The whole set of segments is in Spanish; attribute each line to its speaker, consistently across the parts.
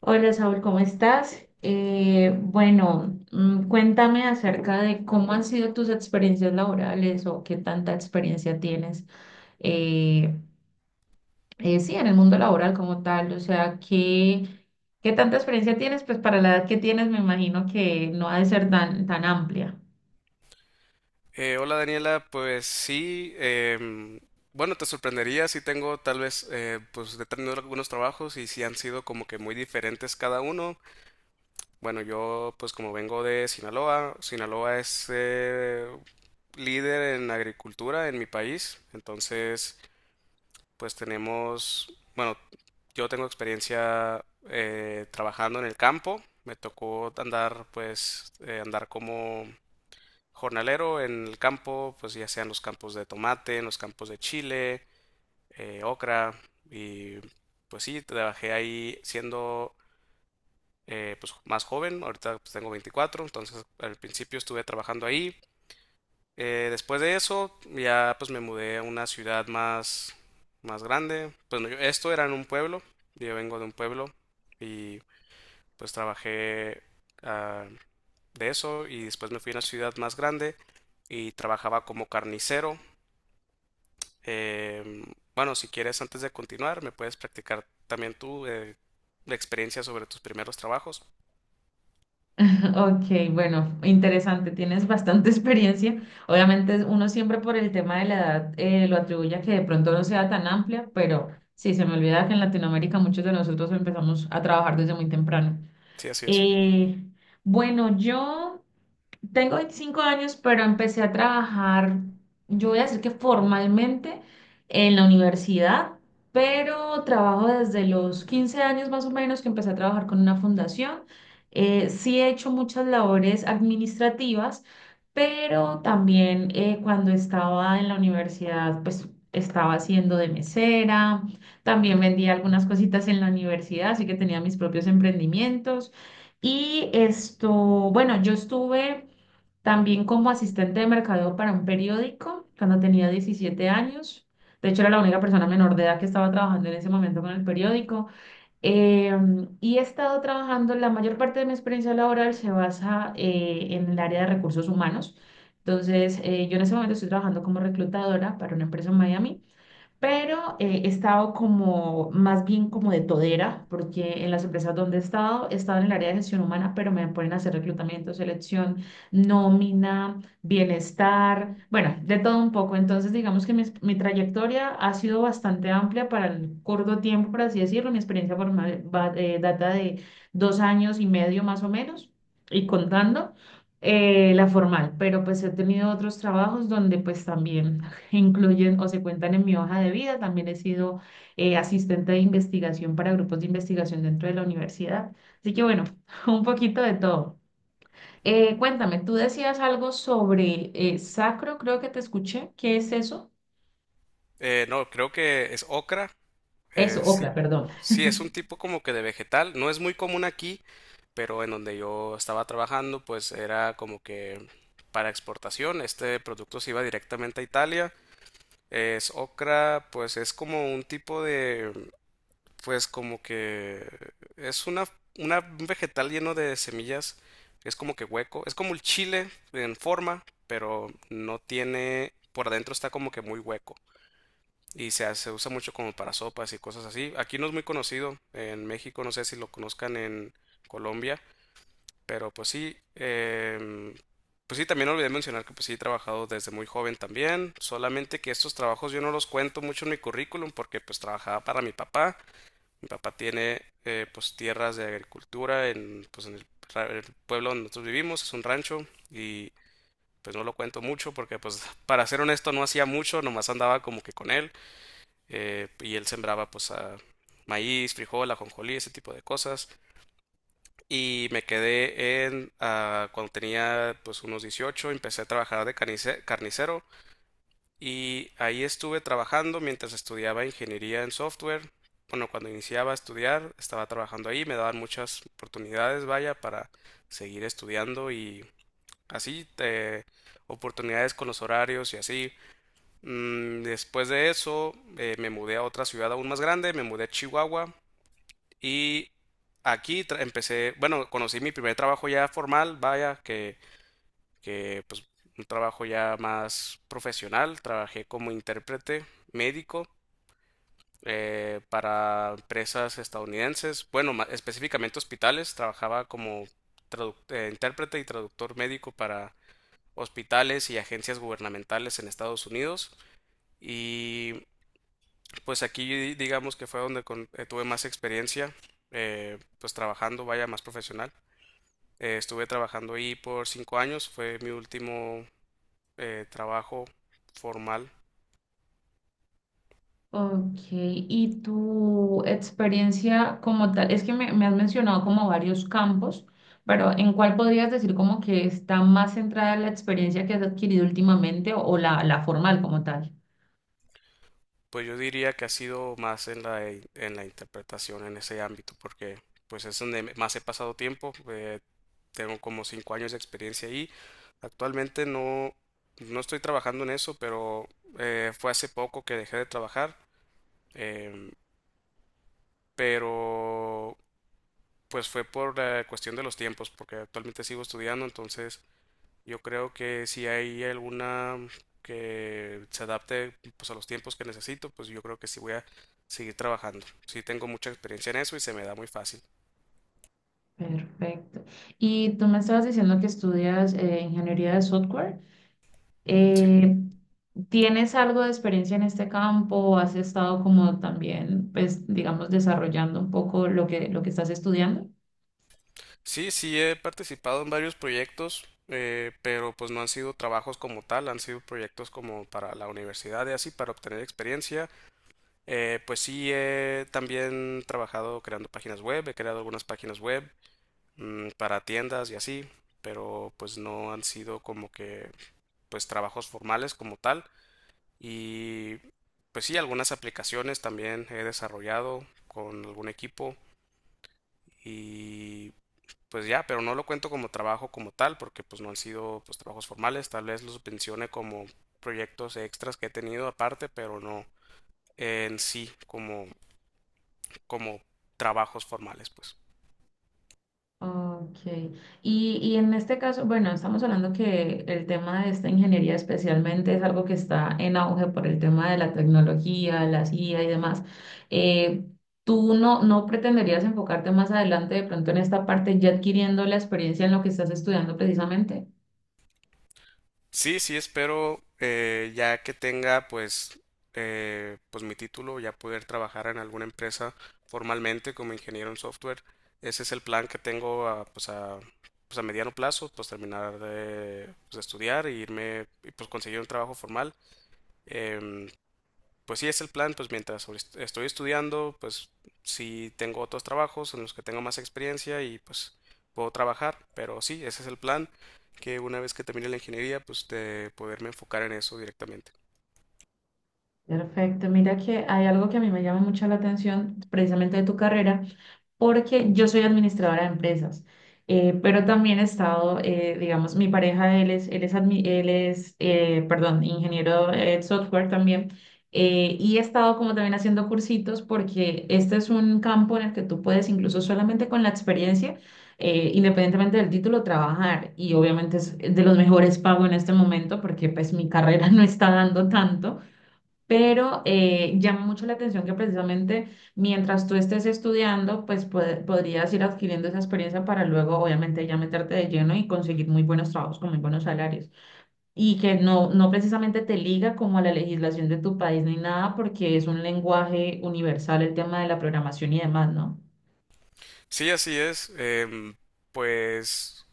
Speaker 1: Hola Saúl, ¿cómo estás? Bueno, cuéntame acerca de cómo han sido tus experiencias laborales o qué tanta experiencia tienes, eh, sí, en el mundo laboral como tal, o sea, ¿qué tanta experiencia tienes? Pues para la edad que tienes me imagino que no ha de ser tan, tan amplia.
Speaker 2: Hola Daniela, pues sí, bueno, te sorprendería si tengo tal vez, pues he tenido algunos trabajos y si han sido como que muy diferentes cada uno. Bueno, yo pues como vengo de Sinaloa. Sinaloa es líder en agricultura en mi país, entonces pues tenemos, bueno, yo tengo experiencia trabajando en el campo. Me tocó andar pues andar como jornalero en el campo, pues ya sean los campos de tomate, en los campos de chile, ocra, y pues sí, trabajé ahí siendo pues más joven. Ahorita pues, tengo 24, entonces al principio estuve trabajando ahí. Después de eso, ya pues me mudé a una ciudad más, más grande. Pues no, esto era en un pueblo, yo vengo de un pueblo y pues trabajé ah, de eso, y después me fui a una ciudad más grande y trabajaba como carnicero. Em, bueno, si quieres, antes de continuar, me puedes practicar también tú la experiencia sobre tus primeros trabajos.
Speaker 1: Ok, bueno, interesante, tienes bastante experiencia. Obviamente uno siempre por el tema de la edad lo atribuye a que de pronto no sea tan amplia, pero sí, se me olvida que en Latinoamérica muchos de nosotros empezamos a trabajar desde muy temprano.
Speaker 2: Sí, así es.
Speaker 1: Eh, bueno, yo tengo 25 años, pero empecé a trabajar, yo voy a decir que formalmente en la universidad, pero trabajo desde los 15 años más o menos que empecé a trabajar con una fundación. Sí he hecho muchas labores administrativas, pero también cuando estaba en la universidad, pues estaba haciendo de mesera, también vendía algunas cositas en la universidad, así que tenía mis propios emprendimientos. Y esto, bueno, yo estuve. También como asistente de mercadeo para un periódico cuando tenía 17 años. De hecho, era la única persona menor de edad que estaba trabajando en ese momento con el periódico. Y he estado trabajando, la mayor parte de mi experiencia laboral se basa en el área de recursos humanos. Entonces, yo en ese momento estoy trabajando como reclutadora para una empresa en Miami, pero he estado como más bien como de todera, porque en las empresas donde he estado en el área de gestión humana, pero me ponen a hacer reclutamiento, selección, nómina, bienestar, bueno, de todo un poco. Entonces, digamos que mi trayectoria ha sido bastante amplia para el corto tiempo, por así decirlo. Mi experiencia formal data de 2 años y medio más o menos, y contando la formal, pero pues he tenido otros trabajos donde pues también incluyen o se cuentan en mi hoja de vida. También he sido asistente de investigación para grupos de investigación dentro de la universidad. Así que bueno, un poquito de todo. Cuéntame, tú decías algo sobre sacro, creo que te escuché. ¿Qué es eso?
Speaker 2: No, creo que es ocra.
Speaker 1: Eso,
Speaker 2: Sí.
Speaker 1: ocra, perdón.
Speaker 2: Sí, es un tipo como que de vegetal. No es muy común aquí, pero en donde yo estaba trabajando, pues era como que para exportación. Este producto se iba directamente a Italia. Es ocra. Pues es como un tipo de, pues como que, es una, un vegetal lleno de semillas, es como que hueco, es como el chile en forma, pero no tiene, por adentro está como que muy hueco y se, se usa mucho como para sopas y cosas así. Aquí no es muy conocido, en México, no sé si lo conozcan en Colombia, pero pues sí, pues sí, también olvidé mencionar que pues sí he trabajado desde muy joven también, solamente que estos trabajos yo no los cuento mucho en mi currículum porque pues trabajaba para mi papá. Mi papá tiene pues tierras de agricultura en, pues, en el, el pueblo donde nosotros vivimos, es un rancho, y pues no lo cuento mucho porque pues para ser honesto no hacía mucho, nomás andaba como que con él, y él sembraba pues maíz, frijol, ajonjolí, ese tipo de cosas. Y me quedé en cuando tenía pues unos 18, empecé a trabajar de carnicero y ahí estuve trabajando mientras estudiaba ingeniería en software. Bueno, cuando iniciaba a estudiar, estaba trabajando ahí, me daban muchas oportunidades, vaya, para seguir estudiando y así, oportunidades con los horarios y así. Después de eso, me mudé a otra ciudad aún más grande, me mudé a Chihuahua, y aquí empecé, bueno, conocí mi primer trabajo ya formal, vaya, que pues un trabajo ya más profesional. Trabajé como intérprete médico para empresas estadounidenses, bueno, específicamente hospitales. Trabajaba como intérprete y traductor médico para hospitales y agencias gubernamentales en Estados Unidos, y pues aquí digamos que fue donde tuve más experiencia, pues trabajando, vaya, más profesional. Estuve trabajando ahí por 5 años, fue mi último trabajo formal.
Speaker 1: Ok, y tu experiencia como tal, es que me has mencionado como varios campos, pero ¿en cuál podrías decir como que está más centrada la experiencia que has adquirido últimamente o la formal como tal?
Speaker 2: Pues yo diría que ha sido más en la, en la interpretación, en ese ámbito, porque pues es donde más he pasado tiempo. Tengo como 5 años de experiencia ahí. Actualmente no, no estoy trabajando en eso, pero fue hace poco que dejé de trabajar. em, pero pues fue por la cuestión de los tiempos, porque actualmente sigo estudiando, entonces yo creo que si hay alguna que se adapte pues a los tiempos que necesito, pues yo creo que sí voy a seguir trabajando. Sí tengo mucha experiencia en eso y se me da muy fácil.
Speaker 1: Perfecto. Y tú me estabas diciendo que estudias ingeniería de software.
Speaker 2: Sí.
Speaker 1: Eh, ¿Tienes algo de experiencia en este campo? ¿O has estado como también, pues, digamos, desarrollando un poco lo que estás estudiando?
Speaker 2: Sí, sí he participado en varios proyectos, pero pues no han sido trabajos como tal, han sido proyectos como para la universidad y así, para obtener experiencia. Pues sí he también trabajado creando páginas web, he creado algunas páginas web, para tiendas y así, pero pues no han sido como que pues trabajos formales como tal, y pues sí, algunas aplicaciones también he desarrollado con algún equipo, y pues ya, pero no lo cuento como trabajo como tal porque pues no han sido pues trabajos formales. Tal vez los mencione como proyectos extras que he tenido aparte, pero no en sí como como trabajos formales, pues.
Speaker 1: Ok. Y en este caso, bueno, estamos hablando que el tema de esta ingeniería especialmente es algo que está en auge por el tema de la tecnología, la IA y demás. Eh, ¿Tú no pretenderías enfocarte más adelante de pronto en esta parte ya adquiriendo la experiencia en lo que estás estudiando precisamente?
Speaker 2: Sí, sí, espero ya que tenga pues, pues mi título, ya poder trabajar en alguna empresa formalmente como ingeniero en software. Ese es el plan que tengo a, pues a, pues a mediano plazo, pues terminar de, pues, de estudiar e irme y pues conseguir un trabajo formal. Em, pues sí es el plan, pues mientras estoy estudiando, pues sí tengo otros trabajos en los que tengo más experiencia y pues puedo trabajar, pero sí, ese es el plan, que una vez que termine la ingeniería, pues de poderme enfocar en eso directamente.
Speaker 1: Perfecto, mira que hay algo que a mí me llama mucho la atención precisamente de tu carrera porque yo soy administradora de empresas, pero también he estado, digamos, mi pareja, él es perdón, ingeniero de software también, y he estado como también haciendo cursitos porque este es un campo en el que tú puedes incluso solamente con la experiencia, independientemente del título, trabajar y obviamente es de los mejores pagos en este momento porque pues mi carrera no está dando tanto. Pero llama mucho la atención que precisamente mientras tú estés estudiando, pues podrías ir adquiriendo esa experiencia para luego, obviamente, ya meterte de lleno y conseguir muy buenos trabajos con muy buenos salarios. Y que no precisamente te liga como a la legislación de tu país ni nada, porque es un lenguaje universal el tema de la programación y demás, ¿no?
Speaker 2: Sí, así es, pues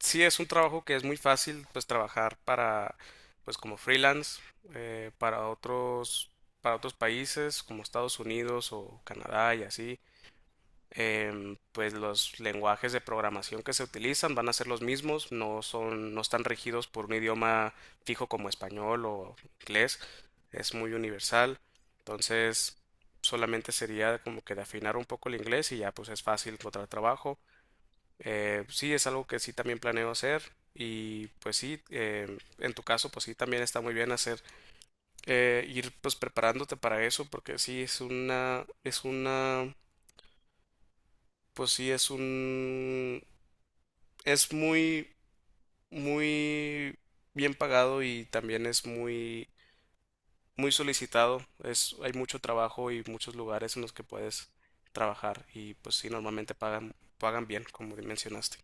Speaker 2: sí es un trabajo que es muy fácil, pues trabajar para, pues como freelance, eh, para otros, para otros países como Estados Unidos o Canadá y así. Pues los lenguajes de programación que se utilizan van a ser los mismos, no son, no están regidos por un idioma fijo como español o inglés, es muy universal, entonces solamente sería como que de afinar un poco el inglés y ya pues es fácil encontrar trabajo. Sí, es algo que sí también planeo hacer, y pues sí, en tu caso pues sí también está muy bien hacer, ir pues preparándote para eso, porque sí es una, es una, pues sí es un, es muy, muy bien pagado, y también es muy, muy solicitado. Es, hay mucho trabajo y muchos lugares en los que puedes trabajar y pues sí, normalmente pagan, pagan bien, como mencionaste.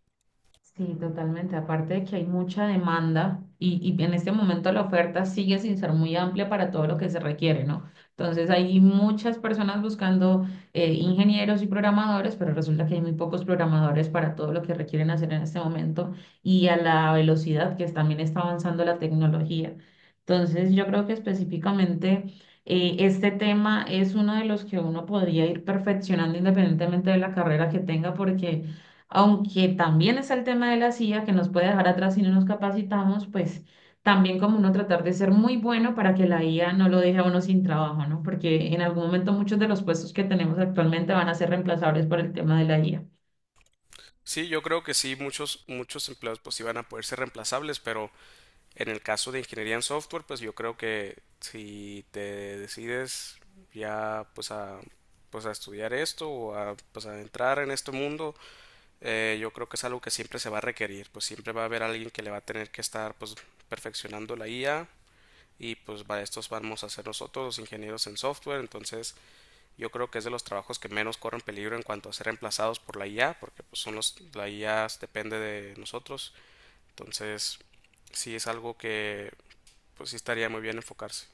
Speaker 1: Sí, totalmente. Aparte de que hay mucha demanda y en este momento la oferta sigue sin ser muy amplia para todo lo que se requiere, ¿no? Entonces hay muchas personas buscando ingenieros y programadores, pero resulta que hay muy pocos programadores para todo lo que requieren hacer en este momento y a la velocidad que también está avanzando la tecnología. Entonces yo creo que específicamente este tema es uno de los que uno podría ir perfeccionando independientemente de la carrera que tenga porque aunque también es el tema de la CIA que nos puede dejar atrás si no nos capacitamos, pues también como uno tratar de ser muy bueno para que la IA no lo deje a uno sin trabajo, ¿no? Porque en algún momento muchos de los puestos que tenemos actualmente van a ser reemplazables por el tema de la IA.
Speaker 2: Sí, yo creo que sí, muchos empleos pues iban a poder ser reemplazables, pero en el caso de ingeniería en software, pues yo creo que si te decides ya pues a, pues a estudiar esto o a, pues a entrar en este mundo, yo creo que es algo que siempre se va a requerir, pues siempre va a haber alguien que le va a tener que estar pues perfeccionando la IA, y pues para estos vamos a ser nosotros los ingenieros en software, entonces yo creo que es de los trabajos que menos corren peligro en cuanto a ser reemplazados por la IA, porque pues son los, la IA depende de nosotros, entonces sí es algo que pues sí estaría muy bien enfocarse.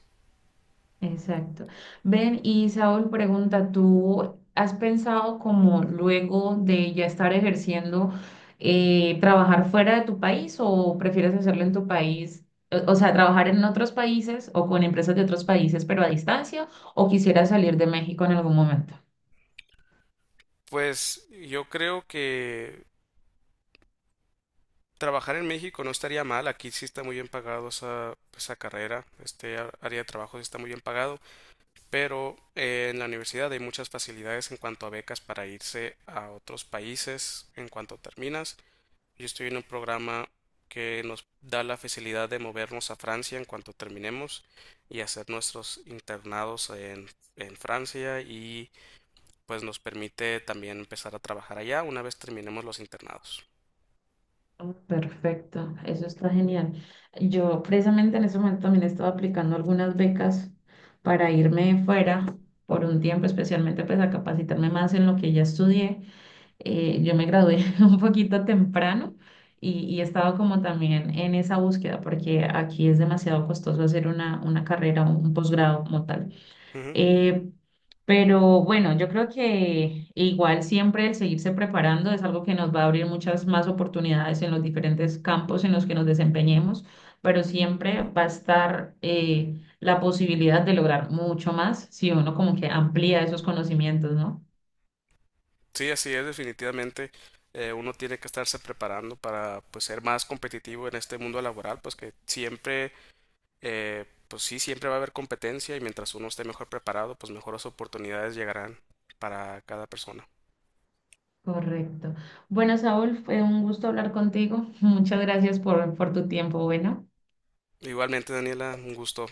Speaker 1: Exacto. Ven, y Saúl pregunta, ¿tú has pensado como luego de ya estar ejerciendo, trabajar fuera de tu país o prefieres hacerlo en tu país? O sea, trabajar en otros países o con empresas de otros países, pero a distancia, o quisieras salir de México en algún momento.
Speaker 2: Pues yo creo que trabajar en México no estaría mal, aquí sí está muy bien pagado esa, esa carrera, este área de trabajo sí está muy bien pagado. Pero en la universidad hay muchas facilidades en cuanto a becas para irse a otros países en cuanto terminas. Yo estoy en un programa que nos da la facilidad de movernos a Francia en cuanto terminemos y hacer nuestros internados en Francia, y pues nos permite también empezar a trabajar allá una vez terminemos los internados.
Speaker 1: Oh, perfecto, eso está genial. Yo precisamente en ese momento también estaba aplicando algunas becas para irme fuera por un tiempo, especialmente pues a capacitarme más en lo que ya estudié. Eh, yo me gradué un poquito temprano y he estado como también en esa búsqueda porque aquí es demasiado costoso hacer una carrera, un posgrado como tal.
Speaker 2: Ujú.
Speaker 1: Eh, pero bueno, yo creo que igual siempre el seguirse preparando es algo que nos va a abrir muchas más oportunidades en los diferentes campos en los que nos desempeñemos, pero siempre va a estar la posibilidad de lograr mucho más si uno como que amplía esos conocimientos, ¿no?
Speaker 2: Sí, así es, definitivamente. Uno tiene que estarse preparando para pues ser más competitivo en este mundo laboral, pues que siempre pues sí, siempre va a haber competencia, y mientras uno esté mejor preparado, pues mejores oportunidades llegarán para cada persona.
Speaker 1: Correcto. Bueno, Saúl, fue un gusto hablar contigo. Muchas gracias por tu tiempo. Bueno.
Speaker 2: Igualmente, Daniela, un gusto.